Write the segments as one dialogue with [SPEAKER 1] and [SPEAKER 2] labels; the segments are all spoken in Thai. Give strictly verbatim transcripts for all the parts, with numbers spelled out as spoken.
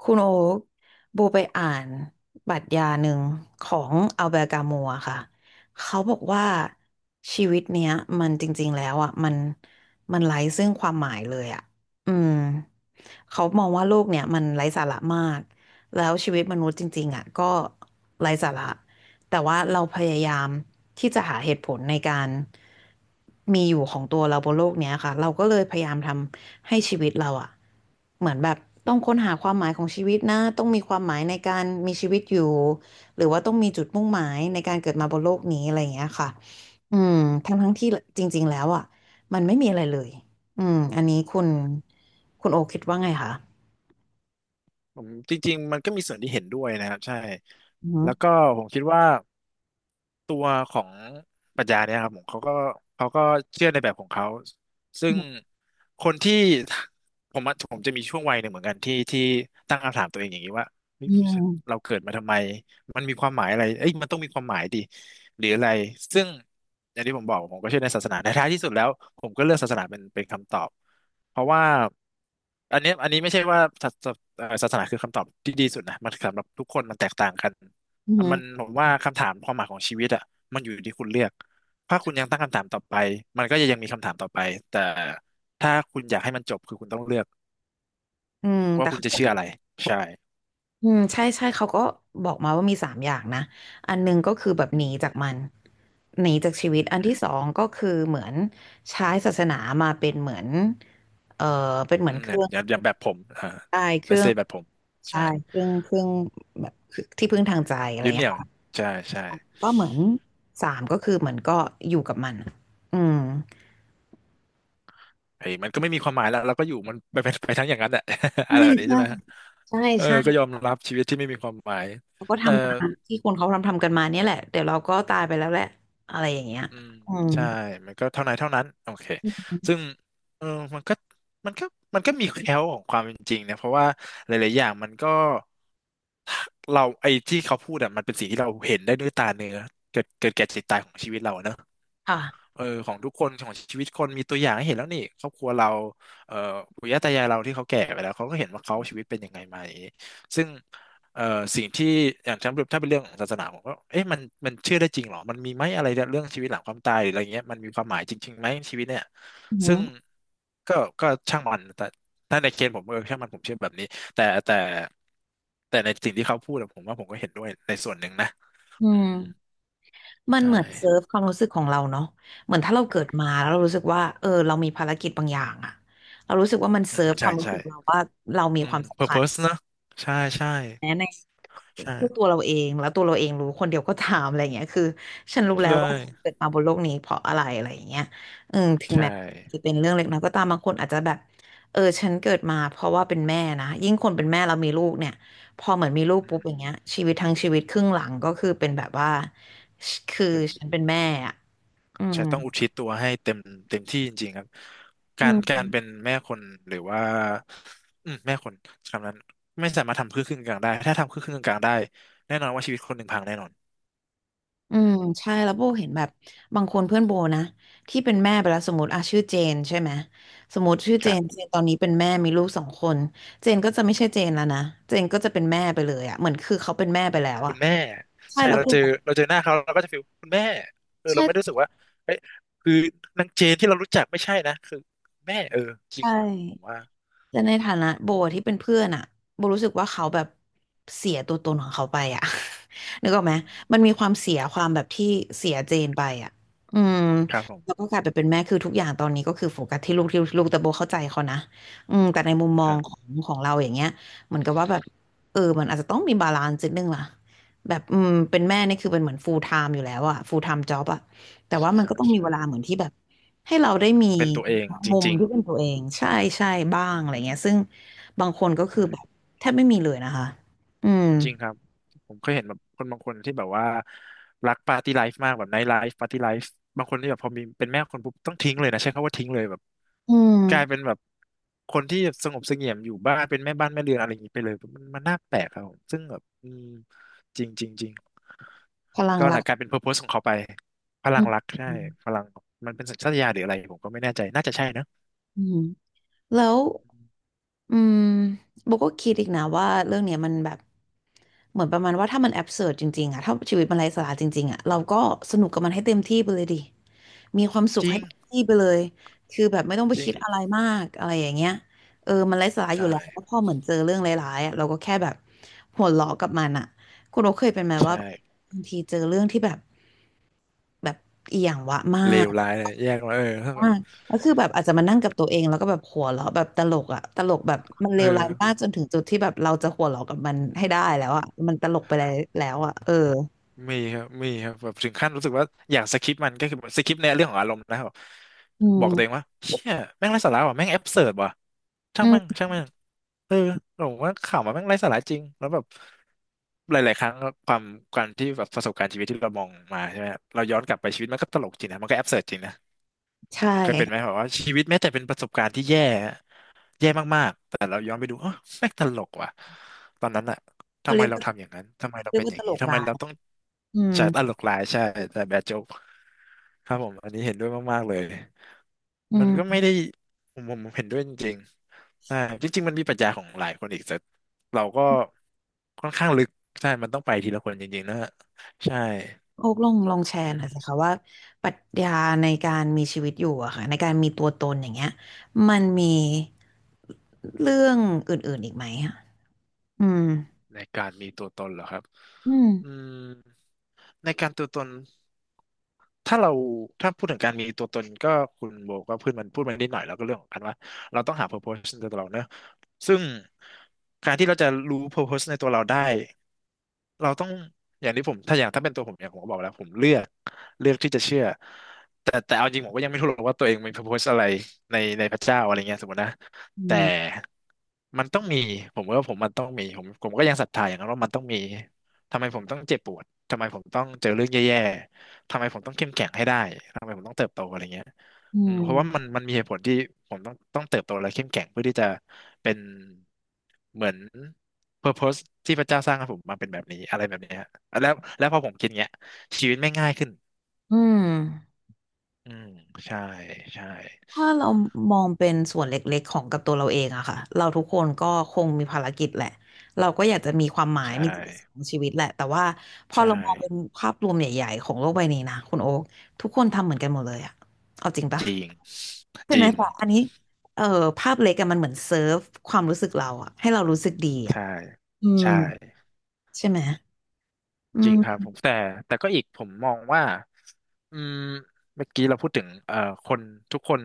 [SPEAKER 1] คุณโอ๊กโบไปอ่านปรัชญาหนึ่งของอัลเบร์ตกามัวค่ะเขาบอกว่าชีวิตเนี้ยมันจริงๆแล้วอ่ะมันมันไร้ซึ่งความหมายเลยอ่ะอืม เขามองว่าโลกเนี่ยมันไร้สาระมาก แล้วชีวิตมนุษย์จริงๆอ่ะก็ไร้สาระแต่ว่าเราพยายามที่จะหาเหตุผลในการมีอยู่ของตัวเราบนโลกเนี้ยค่ะเราก็เลยพยายามทำให้ชีวิตเราอ่ะเหมือนแบบต้องค้นหาความหมายของชีวิตนะต้องมีความหมายในการมีชีวิตอยู่หรือว่าต้องมีจุดมุ่งหมายในการเกิดมาบนโลกนี้อะไรอย่างเงี้ยค่ะอืมทั้งทั้งที่จริงๆแล้วอ่ะมันไม่มีอะไรเลย อืมอันนี้คุณคุณโอคิดว่าไงคะ
[SPEAKER 2] ผมจริงๆมันก็มีส่วนที่เห็นด้วยนะครับใช่
[SPEAKER 1] อืม
[SPEAKER 2] แล้วก็ผมคิดว่า ตัวของปรัชญาเนี่ยครับผมเขาก็เขาก็เชื่อในแบบของเขาซึ่ง
[SPEAKER 1] อ
[SPEAKER 2] คนที่ผมอะผมจะมีช่วงวัยหนึ่งเหมือนกันที่ที่ตั้งคำถามตัวเองอย่างนี้ว่าเฮ้ย
[SPEAKER 1] ื
[SPEAKER 2] เรา
[SPEAKER 1] ม
[SPEAKER 2] เกิดมาทำไมมันมีความหมายอะไรเอ้ยมันต้องมีความหมายดิหรืออะไรซึ่งอย่างที่ผมบอกผมก็เชื่อในศาสนาในท้ายที่สุดแล้วผมก็เลือกศาสนาเป็นเป็นคำตอบเพราะว่าอันเนี้ยอันนี้ไม่ใช่ว่าศาสเอ่อศาสนาคือคำตอบที่ดีสุดนะมันสำหรับทุกคนมันแตกต่างกัน
[SPEAKER 1] อื
[SPEAKER 2] มัน
[SPEAKER 1] ม
[SPEAKER 2] ผมว่าคำถามความหมายของชีวิตอ่ะมันอยู่ที่คุณเลือกถ้าคุณยังตั้งคำถามต่อไปมันก็จะยังมีคำถามต่อไปแต่ถ้าคุณอยากให้มันจบคือคุณต้องเลือก
[SPEAKER 1] อืม
[SPEAKER 2] ว่า
[SPEAKER 1] แต่
[SPEAKER 2] คุณ
[SPEAKER 1] เขา
[SPEAKER 2] จะ
[SPEAKER 1] บอก
[SPEAKER 2] เชื่ออะไรใช่
[SPEAKER 1] อืมใช่ใช่เขาก็บอกมาว่ามีสามอย่างนะ อันหนึงก็คือ
[SPEAKER 2] อื
[SPEAKER 1] แบบ
[SPEAKER 2] ม
[SPEAKER 1] หนี
[SPEAKER 2] อืม
[SPEAKER 1] จากมันหนีจากชีวิต
[SPEAKER 2] อื
[SPEAKER 1] อัน
[SPEAKER 2] ม
[SPEAKER 1] ที่สองก็คือเหมือนใช้ศาสนามาเป็นเหมือนเอ่อเป็นเหมื
[SPEAKER 2] อื
[SPEAKER 1] อน
[SPEAKER 2] ม
[SPEAKER 1] เค
[SPEAKER 2] เนี่ย
[SPEAKER 1] รื่อง
[SPEAKER 2] อย่างอย่างแบบผมอ่า
[SPEAKER 1] ได้เค
[SPEAKER 2] เล
[SPEAKER 1] รื่
[SPEAKER 2] เซ
[SPEAKER 1] อง
[SPEAKER 2] แบบผมใช่
[SPEAKER 1] ใช่เครื่องเครื่องแบบที่พึ่งทางใจอะไรอ
[SPEAKER 2] ยึ
[SPEAKER 1] ย่า
[SPEAKER 2] ด
[SPEAKER 1] ง
[SPEAKER 2] เห
[SPEAKER 1] เงี้ย
[SPEAKER 2] นี่ยว
[SPEAKER 1] ค่ะ
[SPEAKER 2] ใช่ใช่
[SPEAKER 1] ก็เหมือนสามก็คือเหมือนก็อยู่กับมันอืม
[SPEAKER 2] ไอ้ยมันก็ไม่มีความหมายแล้วเราก็อยู่มันไปไปไปทั้งอย่างนั้นแหละ
[SPEAKER 1] ใช่
[SPEAKER 2] อะไรแบบนี้
[SPEAKER 1] ใช่
[SPEAKER 2] ใช่ไหม
[SPEAKER 1] ใช่
[SPEAKER 2] เออก็ยอ
[SPEAKER 1] ใช่
[SPEAKER 2] มรับชีวิตที่ไม่มีความหมาย
[SPEAKER 1] เราก็
[SPEAKER 2] แต่
[SPEAKER 1] ทำตามที่คนเขาทำทำกันมาเนี่ยแหละเดี๋ยวเราก็ตายไปแล้วแหละอะไรอย่างเงี้ย
[SPEAKER 2] อืม
[SPEAKER 1] อืม
[SPEAKER 2] ใช่ มันก็เท่านั้นเท่านั้นโอเคซึ่งเออมันก็มันก็มันก็มีแคล้วของความเป็นจริงนะเพราะว่าหลายๆอย่างมันก็เราไอ้ที่เขาพูดอะมันเป็นสิ่งที่เราเห็นได้ด้วยตาเนื้อเกิดเกิดแก่เจ็บตายของชีวิตเราเนอะ
[SPEAKER 1] ค่ะ
[SPEAKER 2] เออของทุกคนของชีวิตคนมีตัวอย่างให้เห็นแล้วนี่ครอบครัวเราเอ่อปู่ย่าตายายเราที่เขาแก่ไปแล้วเขาก็เห็นว่าเขาชีวิตเป็นยังไงมาอย่างนี้ซึ่งเอ่อสิ่งที่อย่างฉันถ้าเป็นเรื่องของศาสนาผมก็เอ๊ะมันมันเชื่อได้จริงเหรอมันมีไหมอะไรเรื่องชีวิตหลังความตายหรืออะไรเงี้ยมันมีความหมายจริงๆไหมชีวิตเนี่ย
[SPEAKER 1] อื
[SPEAKER 2] ซึ่ง
[SPEAKER 1] ม
[SPEAKER 2] ก็ก็ช่างมันแต่ถ้าในเคสผมเออช่างมันผมเชื่อแบบนี้แต่แต่แต่ในสิ่งที่เขาพูดอะผมว่าผมก็เห็นด้วยในส่วนหนึ่งนะ
[SPEAKER 1] อื
[SPEAKER 2] อื
[SPEAKER 1] ม
[SPEAKER 2] ม
[SPEAKER 1] มัน
[SPEAKER 2] ใช่
[SPEAKER 1] เหมือนเซิร์ฟความรู้สึกของเราเนาะเหมือนถ้าเราเกิดมาแล้วเรารู้สึกว่าเออเรามีภารกิจบางอย่างอะเรารู้สึกว่ามัน
[SPEAKER 2] อื
[SPEAKER 1] เซิ
[SPEAKER 2] ม
[SPEAKER 1] ร์ฟค
[SPEAKER 2] ใช่
[SPEAKER 1] วามรู้
[SPEAKER 2] ใช่
[SPEAKER 1] สึกเราว่าเรามี
[SPEAKER 2] อื
[SPEAKER 1] ค
[SPEAKER 2] ม
[SPEAKER 1] วามสำคัญ
[SPEAKER 2] เพอร์โพส นะใช่ใช่
[SPEAKER 1] แม้ในคู่ตัว
[SPEAKER 2] ใช่
[SPEAKER 1] เราเองแล้วตัวเราเองรู้คนเดียวก็ถามอะไรเงี้ยคือฉันรู้
[SPEAKER 2] ใช
[SPEAKER 1] แล้วว่าฉัน
[SPEAKER 2] ่
[SPEAKER 1] เกิดมาบนโลกนี้เพราะอะไรอะไรอย่างเงี้ยอืมถึงแม้
[SPEAKER 2] ใช่
[SPEAKER 1] จะเป็นเรื่องเล็กน้อยก็ตามบางคนอาจจะแบบเออฉันเกิดมาเพราะว่าเป็นแม่นะยิ่งคนเป็นแม่เรามีลูกเนี่ยพอเหมือนมีลูกปุ๊บ
[SPEAKER 2] อืม
[SPEAKER 1] อย่างเงี้ยชีวิตทั้งชีวิตครึ่งหลังก็คือเป็นแบบว่าคือ
[SPEAKER 2] เป็น
[SPEAKER 1] ฉันเป็นแม่อะอื
[SPEAKER 2] ใช่
[SPEAKER 1] ม
[SPEAKER 2] ต้องอุทิศตัวให้เต็มเต็มที่จริงๆครับการการเป็นแม่คนหรือว่าอืมแม่คนคำนั้นไม่สามารถทำครึ่งครึ่งกลางๆได้ถ้าทำครึ่งครึ่งกลางๆได้แน่นอนว่าชีวิตคนหนึ่งพังแน่นอน
[SPEAKER 1] อื
[SPEAKER 2] อื
[SPEAKER 1] ม
[SPEAKER 2] ม
[SPEAKER 1] ใช่แล้วโบเห็นแบบบางคนเพื่อนโบนะที่เป็นแม่ไปแล้วสมมติอ่ะชื่อเจนใช่ไหมสมมติชื่อ
[SPEAKER 2] ค
[SPEAKER 1] เจ
[SPEAKER 2] รั
[SPEAKER 1] น
[SPEAKER 2] บ
[SPEAKER 1] เจนตอนนี้เป็นแม่มีลูกสองคนเจนก็จะไม่ใช่เจนแล้วนะเจนก็จะเป็นแม่ไปเลยอ่ะเหมือนคือเขาเป็นแม่ไปแล้ว
[SPEAKER 2] คุ
[SPEAKER 1] อ่ะ
[SPEAKER 2] ณแม่
[SPEAKER 1] ใช่
[SPEAKER 2] ใช่
[SPEAKER 1] แล้ว
[SPEAKER 2] เรา
[SPEAKER 1] ก็
[SPEAKER 2] เจอ
[SPEAKER 1] แบบ
[SPEAKER 2] เราเจอหน้าเขาเราก็จะฟีลคุณแม่เออเราไม่ได้รู้
[SPEAKER 1] ใช่
[SPEAKER 2] สึกว่าเอ้ยคือนางเจนที่เรารู้จักไม่ใช่นะคือแม่เออจริง
[SPEAKER 1] ใช่
[SPEAKER 2] ว่ะผมว่า
[SPEAKER 1] แต่ในฐานะโบ
[SPEAKER 2] อื
[SPEAKER 1] ที่เป็น
[SPEAKER 2] ม
[SPEAKER 1] เพื่อนอะโบรู้สึกว่าเขาแบบเสียตัวตนของเขาไปอะ นึกออกไหมมันมีความเสียความแบบที่เสียเจนไปอะอืม
[SPEAKER 2] ครับผม
[SPEAKER 1] แล้วก็กลายไปเป็นแม่คือทุกอย่างตอนนี้ก็คือโฟกัสที่ลูกที่ลูกแต่โบเข้าใจเขานะอืมแต่ในมุมม
[SPEAKER 2] ค
[SPEAKER 1] อง
[SPEAKER 2] รั
[SPEAKER 1] ขอ
[SPEAKER 2] บ
[SPEAKER 1] งของเราอย่างเงี้ยเหมือนกับว่าแบบเออมันอาจจะต้องมีบาลานซ์นิดนึงล่ะแบบอืมเป็นแม่นี่คือเป็นเหมือน full time อยู่แล้วอะ full time job อะแต่ว่า
[SPEAKER 2] ใช่
[SPEAKER 1] มันก็ต้องมี
[SPEAKER 2] ใช่
[SPEAKER 1] เวลาเหมือนที่แบบ ให้เราได้มี
[SPEAKER 2] เป็นตัวเองจ
[SPEAKER 1] มุม
[SPEAKER 2] ริง
[SPEAKER 1] ที่เป็นตัวเองใช่ใช่บ้า
[SPEAKER 2] ๆ
[SPEAKER 1] ง
[SPEAKER 2] อื
[SPEAKER 1] อะ
[SPEAKER 2] ม
[SPEAKER 1] ไรเงี้ยซึ่งบางคนก็คือ
[SPEAKER 2] ใช่
[SPEAKER 1] แบบแทบไม่มีเลยนะคะอืม
[SPEAKER 2] จริงครับผมเคยเห็นแบบคนบางคนที่แบบว่ารักปาร์ตี้ไลฟ์มากแบบไนท์ไลฟ์ปาร์ตี้ไลฟ์บางคนที่แบบพอมีเป็นแม่คนปุ๊บต้องทิ้งเลยนะใช้คำว่าทิ้งเลยแบบ
[SPEAKER 1] อืม
[SPEAKER 2] กลายเป็นแบบคนที่แบบสงบเสงี่ยมอยู่บ้านเป็นแม่บ้านแม่เรือนอะไรอย่างนี้ไปเลยมันมันน่าแปลกครับผมซึ่งแบบอืมจริงจริงจริง
[SPEAKER 1] พลัง
[SPEAKER 2] ก็
[SPEAKER 1] รั
[SPEAKER 2] นะ
[SPEAKER 1] ก
[SPEAKER 2] กลายเป็นเพอร์โพสของเขาไปพลั
[SPEAKER 1] อื
[SPEAKER 2] งรัก
[SPEAKER 1] ม
[SPEAKER 2] ใช่พลังมันเป็นสัญชาตญาณหรืออะไรผมก็ไม่แน่ใจน่าจะใช่นะ
[SPEAKER 1] อืมแล้ว อืมโบก็คิดอีกนะว่าเรื่องเนี้ยมันแบบเหมือนประมาณว่าถ้ามันแอบเสิร์จริงๆอะถ้าชีวิตมันไร้สาระจริงๆอะเราก็สนุกกับมันให้เต็มที่ไปเลยดิมีความสุข
[SPEAKER 2] จริ
[SPEAKER 1] ให้
[SPEAKER 2] ง
[SPEAKER 1] เต็มที่ไปเลยคือแบบไม่ต้องไป
[SPEAKER 2] จริ
[SPEAKER 1] คิ
[SPEAKER 2] ง
[SPEAKER 1] ดอะไรมากอะไรอย่างเงี้ยเออมันไร้สาระอยู่
[SPEAKER 2] ใช่
[SPEAKER 1] แล้วแล้วพอเหมือนเจอเรื่องร้ายๆอะเราก็แค่แบบหัวเราะกับมันอะคุณโอเคยเป็นไหมว่า
[SPEAKER 2] ใช่
[SPEAKER 1] บางทีเจอเรื่องที่แบบแบบอีหยังวะมา
[SPEAKER 2] เล
[SPEAKER 1] ก
[SPEAKER 2] วร้ายเลยแยกมาเออถ้าแบ
[SPEAKER 1] มา
[SPEAKER 2] บ
[SPEAKER 1] กแล้วคือแบบอาจจะมานั่งกับตัวเองแล้วก็แบบหัวเราะแบบตลกอะตลกแบบมันเล
[SPEAKER 2] เออ
[SPEAKER 1] วร้ายมากจนถึงจุดที่แบบเราจะหัวเราะกับมันให้ได้แล้วอะมันตลกไปแล้วแล้วอะเออ
[SPEAKER 2] มีครับมีครับแบบถึงขั้นรู้สึกว่าอยากสคิปมันก็คือสคิปในเรื่องของอารมณ์แล้วแบบ
[SPEAKER 1] อื
[SPEAKER 2] บอ
[SPEAKER 1] ม
[SPEAKER 2] กตัวเองว่าเชี่ยแม่งไร้สาระว่ะแม่งแอบเสิร์ดว่ะ
[SPEAKER 1] อื
[SPEAKER 2] ช่าง
[SPEAKER 1] ม
[SPEAKER 2] แม่งช่างแม่งเออผมว่าข่าวมันแม่งไร้สาระจริงแล้วแบบหลายๆครั้งความการที่แบบประสบการณ์ชีวิตที่เรามองมาใช่ไหมเราย้อนกลับไปชีวิตมันก็ตลกจริงนะมันก็แอบเสิร์ดจริงนะ
[SPEAKER 1] ใช่
[SPEAKER 2] เคยเป็นไหมแบบว่าชีวิตแม้แต่เป็นประสบการณ์ที่แย่ แย่มากๆ แต่เราย้อนไปดูเออแม่งตลกว่ะตอนนั้นอะ
[SPEAKER 1] เขา
[SPEAKER 2] ทำไม
[SPEAKER 1] เรียก
[SPEAKER 2] เรา
[SPEAKER 1] ว่า
[SPEAKER 2] ทำอย่างนั้นทำไมเรา
[SPEAKER 1] เรียก
[SPEAKER 2] เป็นอ
[SPEAKER 1] ว่า
[SPEAKER 2] ย่า
[SPEAKER 1] ต
[SPEAKER 2] ง
[SPEAKER 1] ล
[SPEAKER 2] นี้
[SPEAKER 1] ก
[SPEAKER 2] ทำไม
[SPEAKER 1] ร้า
[SPEAKER 2] เรา
[SPEAKER 1] ย
[SPEAKER 2] ต้อง
[SPEAKER 1] อืม
[SPEAKER 2] จ่ายตลกหลายใช่แต่แบดโจ๊กครับผมอันนี้เห็นด้วยมากๆเลย
[SPEAKER 1] อื
[SPEAKER 2] มันก็ไม่
[SPEAKER 1] ม
[SPEAKER 2] ได้ผมผมผมเห็นด้วยจริงๆใช่จริงๆมันมีปรัชญาของหลายคนอีกแต่เราก็ค่อนข้างลึกใช่มันต้องไปทีละคนจริงๆนะฮะใช่
[SPEAKER 1] โอ๊กลองลองแชร์
[SPEAKER 2] อื
[SPEAKER 1] หน่อ
[SPEAKER 2] ม
[SPEAKER 1] ยสิคะว่าปรัชญาในการมีชีวิตอยู่อะค่ะในการมีตัวตนอย่างเงี้ยมันมีเรื่องอื่นๆอีกไหมอะอืม
[SPEAKER 2] ในการมีตัวตนเหรอครับ
[SPEAKER 1] อื
[SPEAKER 2] อื
[SPEAKER 1] ม
[SPEAKER 2] มในการตัวตน ถ้าเราถ้าพูดถึงการมีตัวตนก็คุณโบก็พูดมันพูดมันนิดหน่อยแล้วก็เรื่องของการว่าเราต้องหา purpose ในตัวเราเนอะซึ่งการที่เราจะรู้ purpose ในตัวเราได้ เราต้องอย่างที่ผมถ้าอย่างถ้าเป็นตัวผมเนี่ยผมก็บอกแล้วผมเลือกเลือกที่จะเชื่อแต่แต่เอาจริงผมก็ยังไม่รู้หรอกว่าตัวเองมี purpose อะไรในในพระเจ้าอะไรเงี้ยสมมตินะ
[SPEAKER 1] อื
[SPEAKER 2] แต่
[SPEAKER 1] ม
[SPEAKER 2] มันต้องมีผมว่าผมมันต้องมีผมผมก็ยังศรัทธาอย่างนั้นว่ามันต้องมีทำไมผมต้องเจ็บปวดทำไมผมต้องเจอเรื่องแย่ๆทำไมผมต้องเข้มแข็งให้ได้ทำไมผมต้องเติบโตอะไรเงี้ย
[SPEAKER 1] อื
[SPEAKER 2] อืมเพราะว่ามัน
[SPEAKER 1] ม
[SPEAKER 2] มันมีเหตุผลที่ผมต้องต้องเติบโตและเข้มแข็งเพื่อที่จะเป็นเหมือน purpose ที่พระเจ้าสร้างให้ผมมาเป็นแบบนี้อะไรแบบเนี้ยแล้วแล้วพอผมคิดเงี้ยชีวิตไม่ง่ายขึ้น
[SPEAKER 1] อืม
[SPEAKER 2] อืมใช่ใช่
[SPEAKER 1] ถ้าเรามองเป็นส่วนเล็กๆของกับตัวเราเองอะค่ะเราทุกคนก็คงมีภารกิจแหละเราก็อยากจะมีความหมาย
[SPEAKER 2] ใช่
[SPEAKER 1] มีจุดประสงค์ของชีวิตแหละแต่ว่าพอ
[SPEAKER 2] ใช่
[SPEAKER 1] เรามองเป็นภาพรวมใหญ่ๆของโลกใบนี้นะคุณโอ๊คทุกคนทำเหมือนกันหมดเลยอะเอาจริงปะ
[SPEAKER 2] จริง
[SPEAKER 1] ใช่
[SPEAKER 2] จ
[SPEAKER 1] ไหม
[SPEAKER 2] ริง
[SPEAKER 1] แต่อันนี้เออภาพเล็กอะมันเหมือนเซิร์ฟความรู้สึกเราอะให้เรารู้สึกดีอะ
[SPEAKER 2] ใช่
[SPEAKER 1] อืม
[SPEAKER 2] ใช่
[SPEAKER 1] ใช่ไหมอื
[SPEAKER 2] จริงครับ
[SPEAKER 1] ม
[SPEAKER 2] ผมแต่แต่ก็อีกผมมองว่าอืมเมื่อกี้เราพูดถึงเอ่อคนทุกคน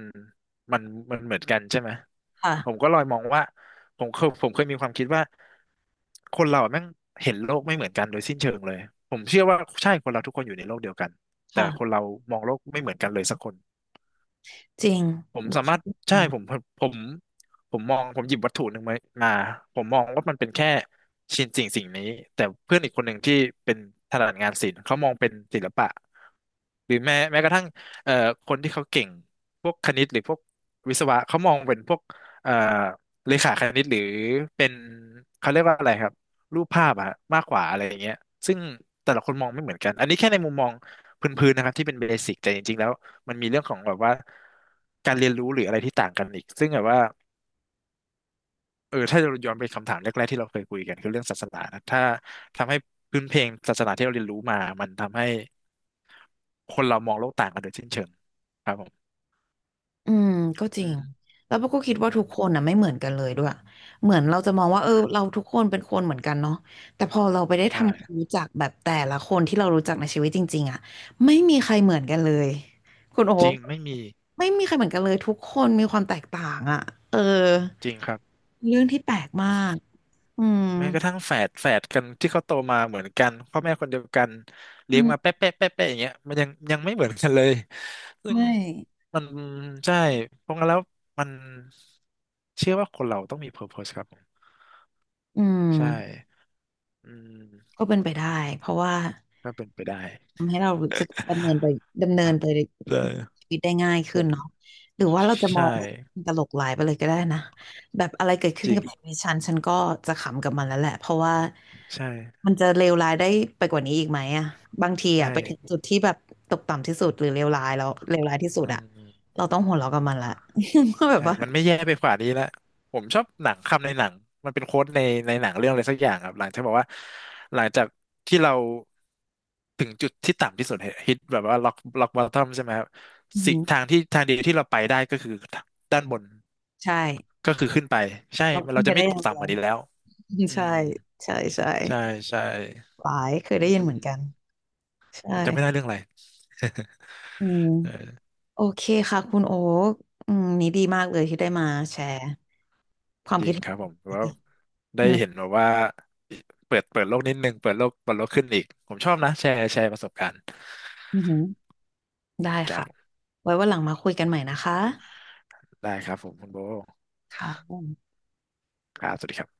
[SPEAKER 2] มันมันเหมือนกันใช่ไหมผม
[SPEAKER 1] ค่ะ
[SPEAKER 2] ก็เลอยมองว่าผมเคยผมเคยมีความคิดว่าคนเราอะแม่งเห็นโลกไม่เหมือนกันโดยสิ้นเชิงเลยผมเชื่อว่าใช่คนเราทุกคนอยู่ในโลกเดียวกันแต่คน
[SPEAKER 1] ค่ะ
[SPEAKER 2] เรามองโลกไม่เหมือนกันเลยสักคน
[SPEAKER 1] จริง
[SPEAKER 2] ผมสามารถใช่ผม ผมผมมองผมหยิบวัตถุหนึ่งไว้มาผมมองว่ามันเป็นแค่ชิ้นสิ่งสิ่งนี้แต่เพื่อนอีกคนหนึ่งที่เป็นถนัดงานศิลป์เขามองเป็นศิลปะหรือแม้แม้กระทั่งเอ่อคนที่เขาเก่งพวกคณิตหรือพวกวิศวะเขามองเป็นพวกเอ่อเลขาคณิตหรือเป็นเขาเรียกว่าอะไรครับรูปภาพอะมากกว่าอะไรอย่างเงี้ยซึ่งแต่ละคนมองไม่เหมือนกันอันนี้แค่ในมุมมองพื้นๆนะครับที่เป็นเบสิกแต่จริงๆแล้ว มันมีเรื่องของแบบว่าการเรียนรู้หรืออะไรที่ต่างกันอีกซึ่งแบบว่าเออถ้าเราย้อนไปคำถามแรกๆที่เราเคยคุยกันคือเรื่องศาสนานะถ้าทำให้พื้นเพลงศาสนาที่เราเรียนรู้มามันทำให้คนเรามองโลกต่างกันโดยสิ้นเชิงครับผม
[SPEAKER 1] อืมก็จริ
[SPEAKER 2] อื
[SPEAKER 1] ง
[SPEAKER 2] ม
[SPEAKER 1] แล้วพวกก็คิดว่า
[SPEAKER 2] อื
[SPEAKER 1] ทุกคนน่ะ
[SPEAKER 2] ม
[SPEAKER 1] ไม่เหมือนกันเลยด้วยเหมือนเราจะมอง
[SPEAKER 2] อื
[SPEAKER 1] ว่าเอ
[SPEAKER 2] ม
[SPEAKER 1] อเราทุกคนเป็นคนเหมือนกันเนาะแต่พอเราไปได้ทำความ
[SPEAKER 2] ใช่
[SPEAKER 1] รู้จักแบบแต่ละคนที่เรารู้จักในชีวิตจริงๆอ่ะไม่มีใครเหมือนกันเลยคุณโอ๊
[SPEAKER 2] จริ
[SPEAKER 1] ค
[SPEAKER 2] งไม่มี
[SPEAKER 1] ไม่มีใครเหมือนกันเลยทุกคนมีความแตกต่างอ่ะเออ
[SPEAKER 2] จริงครับ
[SPEAKER 1] เรื่องที่แปลกมากอืม
[SPEAKER 2] แม้กระทั่งแฝดแฝดกันที่เขาโตมาเหมือนกันพ่อแม่คนเดียวกัน
[SPEAKER 1] อื
[SPEAKER 2] เลี้ยงมา
[SPEAKER 1] ม
[SPEAKER 2] เป๊ะเป๊ะเป๊ะเป๊ะอย่างเงี้ยมันยังยังไม่เหมือนกันเลย
[SPEAKER 1] ใช
[SPEAKER 2] ซึ่ง
[SPEAKER 1] ่
[SPEAKER 2] มันใช่เพราะงั้นแล้วมันเชื่อว่าคนเราต้องมี purpose ครับผม
[SPEAKER 1] อืม
[SPEAKER 2] ใช่อืม
[SPEAKER 1] ก็เป็นไปได้เพราะว่า
[SPEAKER 2] ก็เป็นไปได้
[SPEAKER 1] ทำให้เรารู้สึกดำเนินไปดำเนินไป
[SPEAKER 2] เลย
[SPEAKER 1] ชีวิตได้ง่าย
[SPEAKER 2] ผ
[SPEAKER 1] ขึ้นเนาะ
[SPEAKER 2] ม
[SPEAKER 1] หรือว่าเราจะม
[SPEAKER 2] ใช่
[SPEAKER 1] องตลกหลายไปเลยก็ได้นะแบบอะไรเกิดขึ้
[SPEAKER 2] จ
[SPEAKER 1] น
[SPEAKER 2] ริ
[SPEAKER 1] กั
[SPEAKER 2] ง
[SPEAKER 1] บชีวิตฉันฉันก็จะขำกับมันแล้วแหละเพราะว่า
[SPEAKER 2] ใช่
[SPEAKER 1] มันจะเลวร้ายได้ไปกว่านี้อีกไหมอะบางที
[SPEAKER 2] ใช
[SPEAKER 1] อะไปถึง
[SPEAKER 2] ่
[SPEAKER 1] จุดที่แบบตกต่ำที่สุดหรือเลวร้ายแล้วเลวร้ายที่สุด
[SPEAKER 2] อื
[SPEAKER 1] อะ
[SPEAKER 2] ม
[SPEAKER 1] เราต้องหัวเราะกับมันละ ว่าแบบ
[SPEAKER 2] ใช่
[SPEAKER 1] ว่า
[SPEAKER 2] มันไม่แย่ไปกว่านี้แล้วผมชอบหนังคำในหนัง มันเป็นโค้ดในในหนังเรื่องอะไรสักอย่างครับ หลังจากบอกว่าหลังจากที่เราถึงจุดที่ต่ำที่สุดฮิตแบบว่าล็อกล็อกบอททอมใช่ไหมครับ
[SPEAKER 1] อือ
[SPEAKER 2] สิ
[SPEAKER 1] หือ
[SPEAKER 2] ทางที่ทางเดียวที่เราไปได้ก็คือด้านบน
[SPEAKER 1] ใช่
[SPEAKER 2] ก็คือขึ้นไปใช่
[SPEAKER 1] เรา
[SPEAKER 2] มัน
[SPEAKER 1] ขึ้
[SPEAKER 2] เรา
[SPEAKER 1] นไป
[SPEAKER 2] จะไม่
[SPEAKER 1] ได้อ
[SPEAKER 2] ต
[SPEAKER 1] ย่า
[SPEAKER 2] ก
[SPEAKER 1] งเดี
[SPEAKER 2] ต่ำ
[SPEAKER 1] ย
[SPEAKER 2] ก
[SPEAKER 1] ว
[SPEAKER 2] ว่านี้แล้วอื
[SPEAKER 1] ใช่
[SPEAKER 2] ม
[SPEAKER 1] ใช่ใช่
[SPEAKER 2] ใช่ใช่
[SPEAKER 1] หลายเคย
[SPEAKER 2] อื
[SPEAKER 1] ได้ยินเหมือนกั
[SPEAKER 2] ม
[SPEAKER 1] นใช่
[SPEAKER 2] ผมจำไม่ได้เรื่องอะไร
[SPEAKER 1] อืม โอเคค่ะคุณโอ๊คอืมนี่ดีมากเลยที่ได้มาแชร์ความ
[SPEAKER 2] จริ
[SPEAKER 1] คิด
[SPEAKER 2] ง
[SPEAKER 1] เห็
[SPEAKER 2] ครับผม
[SPEAKER 1] น
[SPEAKER 2] ว่าได้
[SPEAKER 1] อื
[SPEAKER 2] เห็น
[SPEAKER 1] ม
[SPEAKER 2] แบบว่าเปิดเปิดโลกนิดนึงเปิดโลกเปิดโลกขึ้นอีกผมชอบนะแชร์แชร์ประสบการณ์
[SPEAKER 1] อือหือได้
[SPEAKER 2] ครับ
[SPEAKER 1] ค่ะ
[SPEAKER 2] ผม
[SPEAKER 1] ไว้วันหลังมาคุยกันใหม่นะคะ
[SPEAKER 2] ได้ครับผมคุณโบ
[SPEAKER 1] ค่ะ
[SPEAKER 2] ครับสวัสดีครับ